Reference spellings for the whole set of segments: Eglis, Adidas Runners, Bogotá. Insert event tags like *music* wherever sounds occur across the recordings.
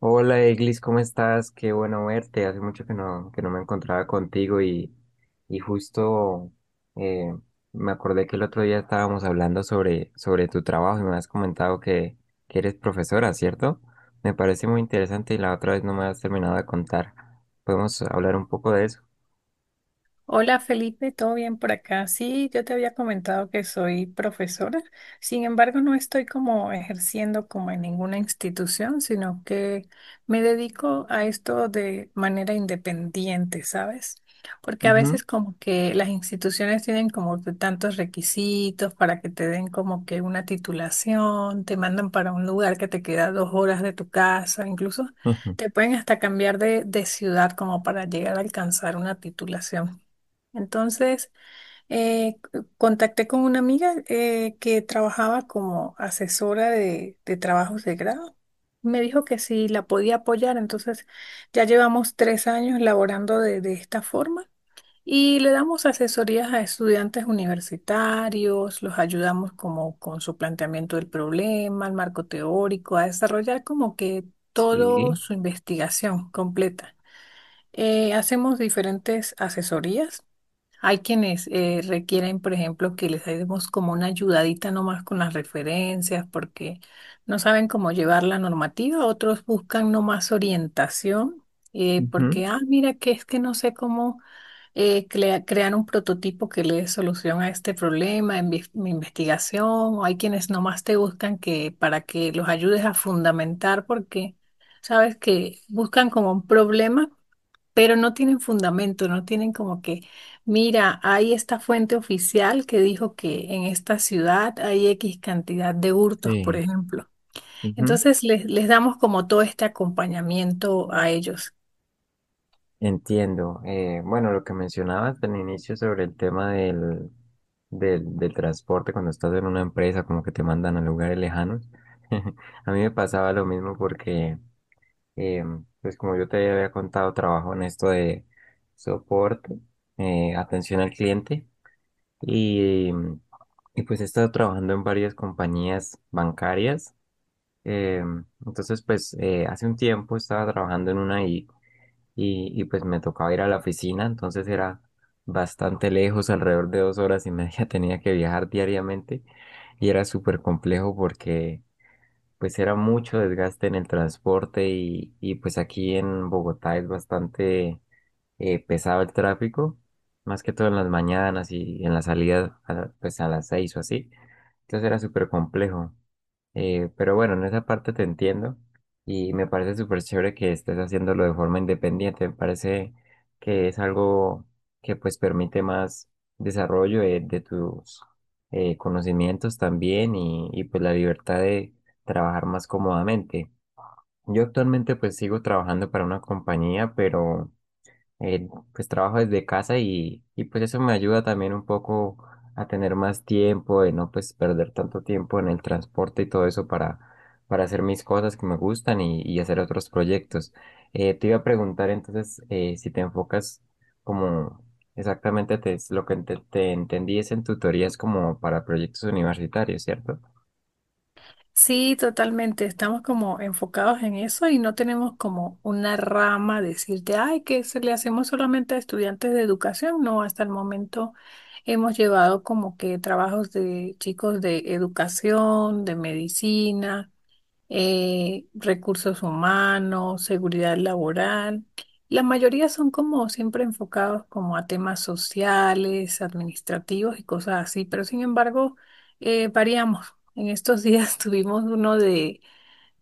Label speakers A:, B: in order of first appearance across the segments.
A: Hola Eglis, ¿cómo estás? Qué bueno verte. Hace mucho que no me encontraba contigo y justo eh, me acordé que el otro día estábamos hablando sobre tu trabajo y me has comentado que eres profesora, ¿cierto? Me parece muy interesante y la otra vez no me has terminado de contar. ¿Podemos hablar un poco de eso?
B: Hola Felipe, ¿todo bien por acá? Sí, yo te había comentado que soy profesora, sin embargo no estoy como ejerciendo como en ninguna institución, sino que me dedico a esto de manera independiente, ¿sabes? Porque a
A: Ujú.
B: veces como que las instituciones tienen como que tantos requisitos para que te den como que una titulación, te mandan para un lugar que te queda 2 horas de tu casa, incluso
A: *laughs* Ujú.
B: te pueden hasta cambiar de ciudad como para llegar a alcanzar una titulación. Entonces, contacté con una amiga que trabajaba como asesora de trabajos de grado. Me dijo que si la podía apoyar, entonces ya llevamos 3 años laborando de esta forma y le damos asesorías a estudiantes universitarios, los ayudamos como con su planteamiento del problema, el marco teórico, a desarrollar como que toda
A: Sí.
B: su investigación completa. Hacemos diferentes asesorías, hay quienes requieren, por ejemplo, que les demos como una ayudadita nomás con las referencias porque no saben cómo llevar la normativa. Otros buscan nomás orientación,
A: Ujú.
B: porque, ah, mira, que es que no sé cómo crear un prototipo que le dé solución a este problema en mi investigación. O hay quienes nomás te buscan que para que los ayudes a fundamentar porque sabes que buscan como un problema, pero no tienen fundamento, no tienen como que, mira, hay esta fuente oficial que dijo que en esta ciudad hay X cantidad de hurtos, por
A: Sí.
B: ejemplo.
A: Ujú.
B: Entonces les damos como todo este acompañamiento a ellos.
A: Entiendo. Bueno, lo que mencionabas al inicio sobre el tema del transporte cuando estás en una empresa, como que te mandan a lugares lejanos. *laughs* A mí me pasaba lo mismo porque, eh, pues como yo te había contado, trabajo en esto de soporte, atención al cliente y, y pues he estado trabajando en varias compañías bancarias. Eh, entonces, pues hace un tiempo estaba trabajando en una y pues me tocaba ir a la oficina, entonces era bastante lejos, alrededor de dos horas y media *laughs* tenía que viajar diariamente y era súper complejo porque pues era mucho desgaste en el transporte y pues aquí en Bogotá es bastante pesado el tráfico, más que todo en las mañanas y en la salida a, pues a las seis o así. Entonces era súper complejo. Pero bueno, en esa parte te entiendo y me parece súper chévere que estés haciéndolo de forma independiente. Me parece que es algo que pues permite más desarrollo de tus conocimientos también y pues la libertad de trabajar más cómodamente. Yo actualmente pues sigo trabajando para una compañía, pero pues trabajo desde casa y pues eso me ayuda también un poco a tener más tiempo, de no pues perder tanto tiempo en el transporte y todo eso para hacer mis cosas que me gustan y hacer otros proyectos. Te iba a preguntar entonces si te enfocas como exactamente lo que te entendí es en tutorías como para proyectos universitarios, ¿cierto?
B: Sí, totalmente, estamos como enfocados en eso y no tenemos como una rama decirte, ay, que se le hacemos solamente a estudiantes de educación. No, hasta el momento hemos llevado como que trabajos de chicos de educación, de medicina, recursos humanos, seguridad laboral. La mayoría son como siempre enfocados como a temas sociales, administrativos y cosas así, pero sin embargo, variamos. En estos días *laughs* tuvimos uno de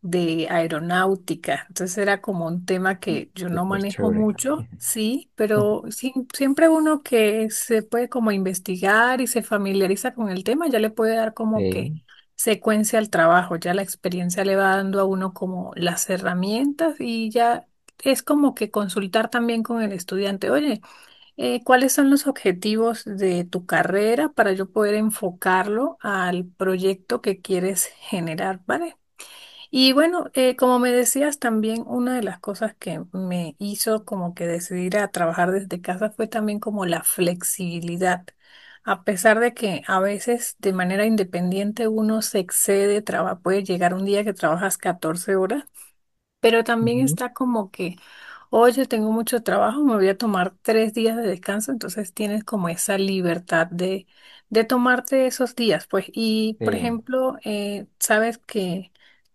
B: aeronáutica. Entonces era como un tema que yo no
A: Súper
B: manejo
A: chévere.
B: mucho, sí, pero siempre uno que se puede como investigar y se familiariza con el tema, ya le puede dar como que
A: Sí.
B: secuencia al trabajo, ya la experiencia le va dando a uno como las herramientas y ya es como que consultar también con el estudiante, oye, ¿cuáles son los objetivos de tu carrera para yo poder enfocarlo al proyecto que quieres generar, ¿vale? Y bueno, como me decías, también una de las cosas que me hizo como que decidir a trabajar desde casa fue también como la flexibilidad. A pesar de que a veces de manera independiente uno se excede, puede llegar un día que trabajas 14 horas. Pero
A: *laughs*
B: también
A: Ujú.
B: está como que, oye, tengo mucho trabajo, me voy a tomar 3 días de descanso, entonces tienes como esa libertad de tomarte esos días, pues. Y, por
A: Sí.
B: ejemplo, sabes que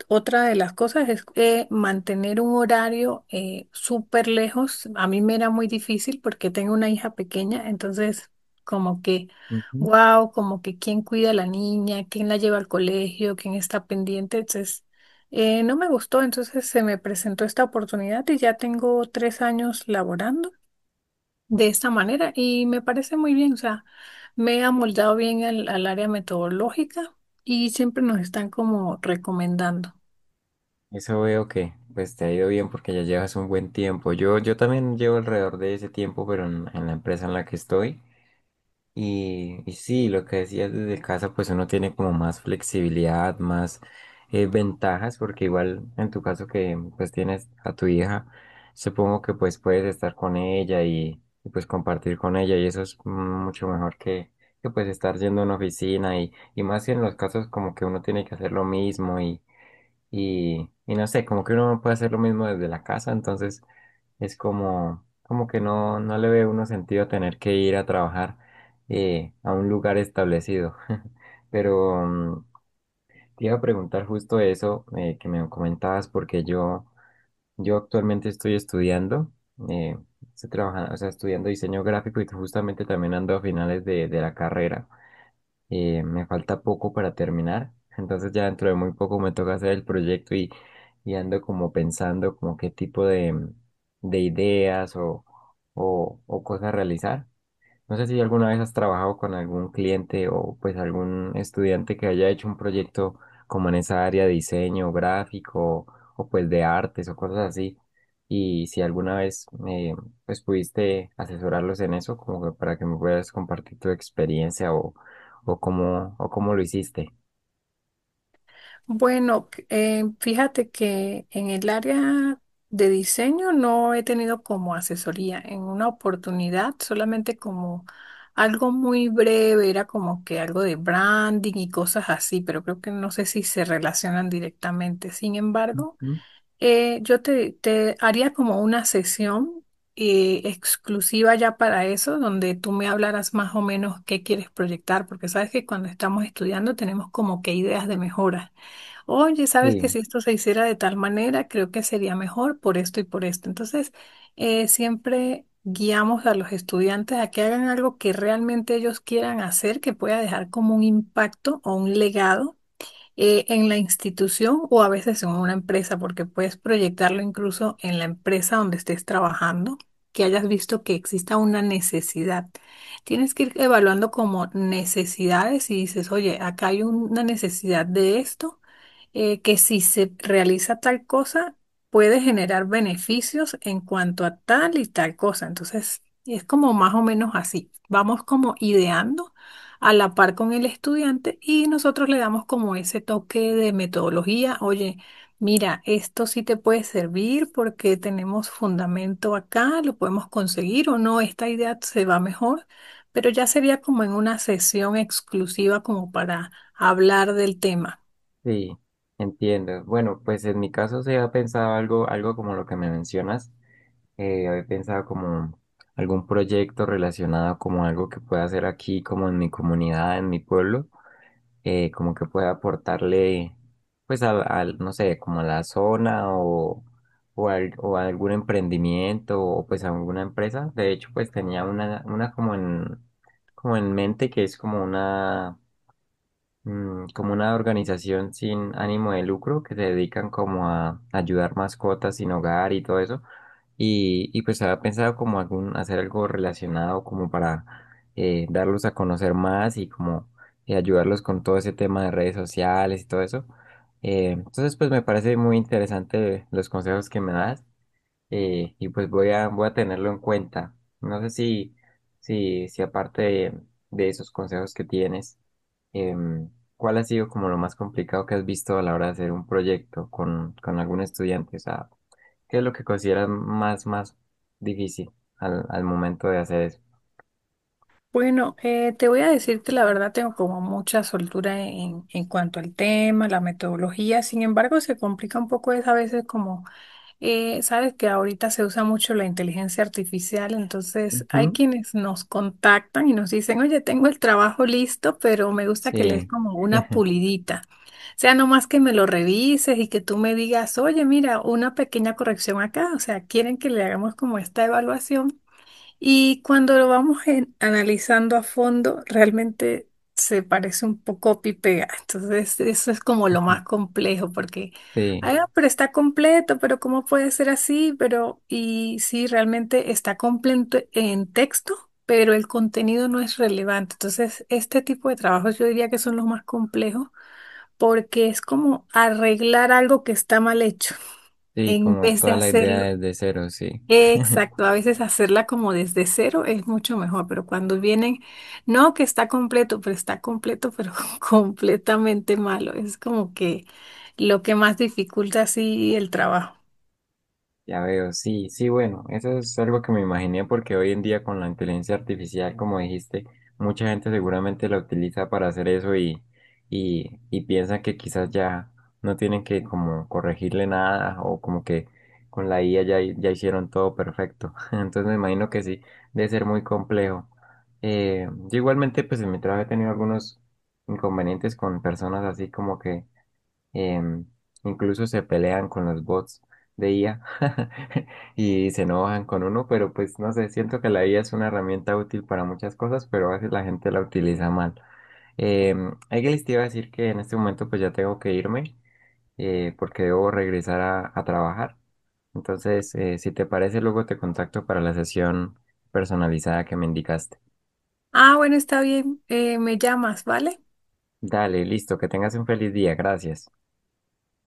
B: otra de las cosas es mantener un horario súper lejos. A mí me era muy difícil porque tengo una hija pequeña, entonces como que,
A: Ujú.
B: wow, como que quién cuida a la niña, quién la lleva al colegio, quién está pendiente, entonces no me gustó, entonces se me presentó esta oportunidad y ya tengo 3 años laborando de esta manera y me parece muy bien, o sea, me he amoldado bien al área metodológica y siempre nos están como recomendando.
A: Eso veo que pues te ha ido bien porque ya llevas un buen tiempo. Yo también llevo alrededor de ese tiempo, pero en la empresa en la que estoy. Y sí, lo que decías desde casa, pues uno tiene como más flexibilidad, más ventajas, porque igual en tu caso que pues tienes a tu hija, supongo que pues puedes estar con ella pues compartir con ella y eso es mucho mejor que pues estar yendo a una oficina y más si en los casos como que uno tiene que hacer lo mismo y no sé, como que uno puede hacer lo mismo desde la casa, entonces es como, como que no le ve uno sentido tener que ir a trabajar a un lugar establecido. *laughs* Pero te iba a preguntar justo eso que me comentabas, porque yo actualmente estoy estudiando, eh, estoy trabajando, o sea, estudiando diseño gráfico y justamente también ando a finales de la carrera me falta poco para terminar, entonces ya dentro de muy poco me toca hacer el proyecto y ando como pensando como qué tipo de ideas o cosas realizar. No sé si alguna vez has trabajado con algún cliente o pues algún estudiante que haya hecho un proyecto como en esa área de diseño gráfico o pues de artes o cosas así. Y si alguna vez pues pudiste asesorarlos en eso, como que para que me puedas compartir tu experiencia o cómo lo hiciste.
B: Bueno, fíjate que en el área de diseño no he tenido como asesoría en una oportunidad, solamente como algo muy breve, era como que algo de branding y cosas así, pero creo que no sé si se relacionan directamente. Sin embargo,
A: ¿Mm?
B: te haría como una sesión exclusiva ya para eso, donde tú me hablaras más o menos qué quieres proyectar, porque sabes que cuando estamos estudiando tenemos como que ideas de mejora. Oye, sabes que
A: Sí,
B: si esto se hiciera de tal manera, creo que sería mejor por esto y por esto. Entonces, siempre guiamos a los estudiantes a que hagan algo que realmente ellos quieran hacer, que pueda dejar como un impacto o un legado, en la institución o a veces en una empresa, porque puedes proyectarlo incluso en la empresa donde estés trabajando, que hayas visto que exista una necesidad. Tienes que ir evaluando como necesidades y dices, oye, acá hay una necesidad de esto, que si se realiza tal cosa, puede generar beneficios en cuanto a tal y tal cosa. Entonces, es como más o menos así. Vamos como ideando a la par con el estudiante y nosotros le damos como ese toque de metodología. Oye, mira, esto sí te puede servir porque tenemos fundamento acá, lo podemos conseguir o no, esta idea se va mejor, pero ya sería como en una sesión exclusiva como para hablar del tema.
A: sí, entiendo. Bueno, pues en mi caso se ha pensado algo, algo como lo que me mencionas. Había pensado como algún proyecto relacionado como algo que pueda hacer aquí, como en mi comunidad, en mi pueblo, como que pueda aportarle, pues, al, no sé, como a la zona o, o a algún emprendimiento o pues a alguna empresa. De hecho, pues tenía una como como en mente que es como una como una organización sin ánimo de lucro que se dedican como a ayudar mascotas sin hogar y todo eso. Y pues había pensado como algún, hacer algo relacionado como para darlos a conocer más y como ayudarlos con todo ese tema de redes sociales y todo eso. Entonces pues me parece muy interesante los consejos que me das y pues voy a tenerlo en cuenta. No sé si aparte de esos consejos que tienes, em, ¿cuál ha sido como lo más complicado que has visto a la hora de hacer un proyecto con algún estudiante? O sea, ¿qué es lo que consideras más difícil al momento de hacer eso?
B: Bueno, te voy a decir que la verdad tengo como mucha soltura en cuanto al tema, la metodología, sin embargo se complica un poco es a veces como. Sabes que ahorita se usa mucho la inteligencia artificial, entonces hay
A: Ujú.
B: quienes nos contactan y nos dicen, oye, tengo el trabajo listo, pero me gusta que le des
A: Sí.
B: como una
A: *laughs*
B: pulidita. O sea, no más que me lo revises y que tú me digas, oye, mira, una pequeña corrección acá. O sea, quieren que le hagamos como esta evaluación y cuando lo vamos analizando a fondo, realmente se parece un poco copy y pega. Entonces, eso es como lo más complejo, porque,
A: sí,
B: ah, pero está completo, pero ¿cómo puede ser así? Pero, y sí, realmente está completo en texto, pero el contenido no es relevante. Entonces, este tipo de trabajos yo diría que son los más complejos, porque es como arreglar algo que está mal hecho
A: sí,
B: en
A: Como
B: vez de
A: toda la idea
B: hacerlo.
A: desde cero, sí. *laughs*
B: Exacto, a veces hacerla como desde cero es mucho mejor, pero cuando vienen, no que está completo, pero *laughs* completamente malo. Es como que lo que más dificulta así el trabajo.
A: Ya veo, sí, sí, bueno, eso es algo que me imaginé porque hoy en día con la inteligencia artificial, como dijiste, mucha gente seguramente la utiliza para hacer eso y piensa que quizás ya no tienen que como corregirle nada o como que con la IA ya, ya hicieron todo perfecto. *laughs* Entonces me imagino que sí, debe ser muy complejo. Yo igualmente pues en mi trabajo he tenido algunos inconvenientes con personas así como que em, incluso se pelean con los bots de IA *laughs* y se enojan con uno, pero pues no sé, siento que la IA es una herramienta útil para muchas cosas, pero a veces la gente la utiliza mal. Em, Eglis, te iba a decir que en este momento pues ya tengo que irme porque debo regresar a trabajar. Entonces, si te parece, luego te contacto para la sesión personalizada que me indicaste.
B: Ah, bueno, está bien, me llamas, ¿vale?
A: Dale, listo, que tengas un feliz día, gracias.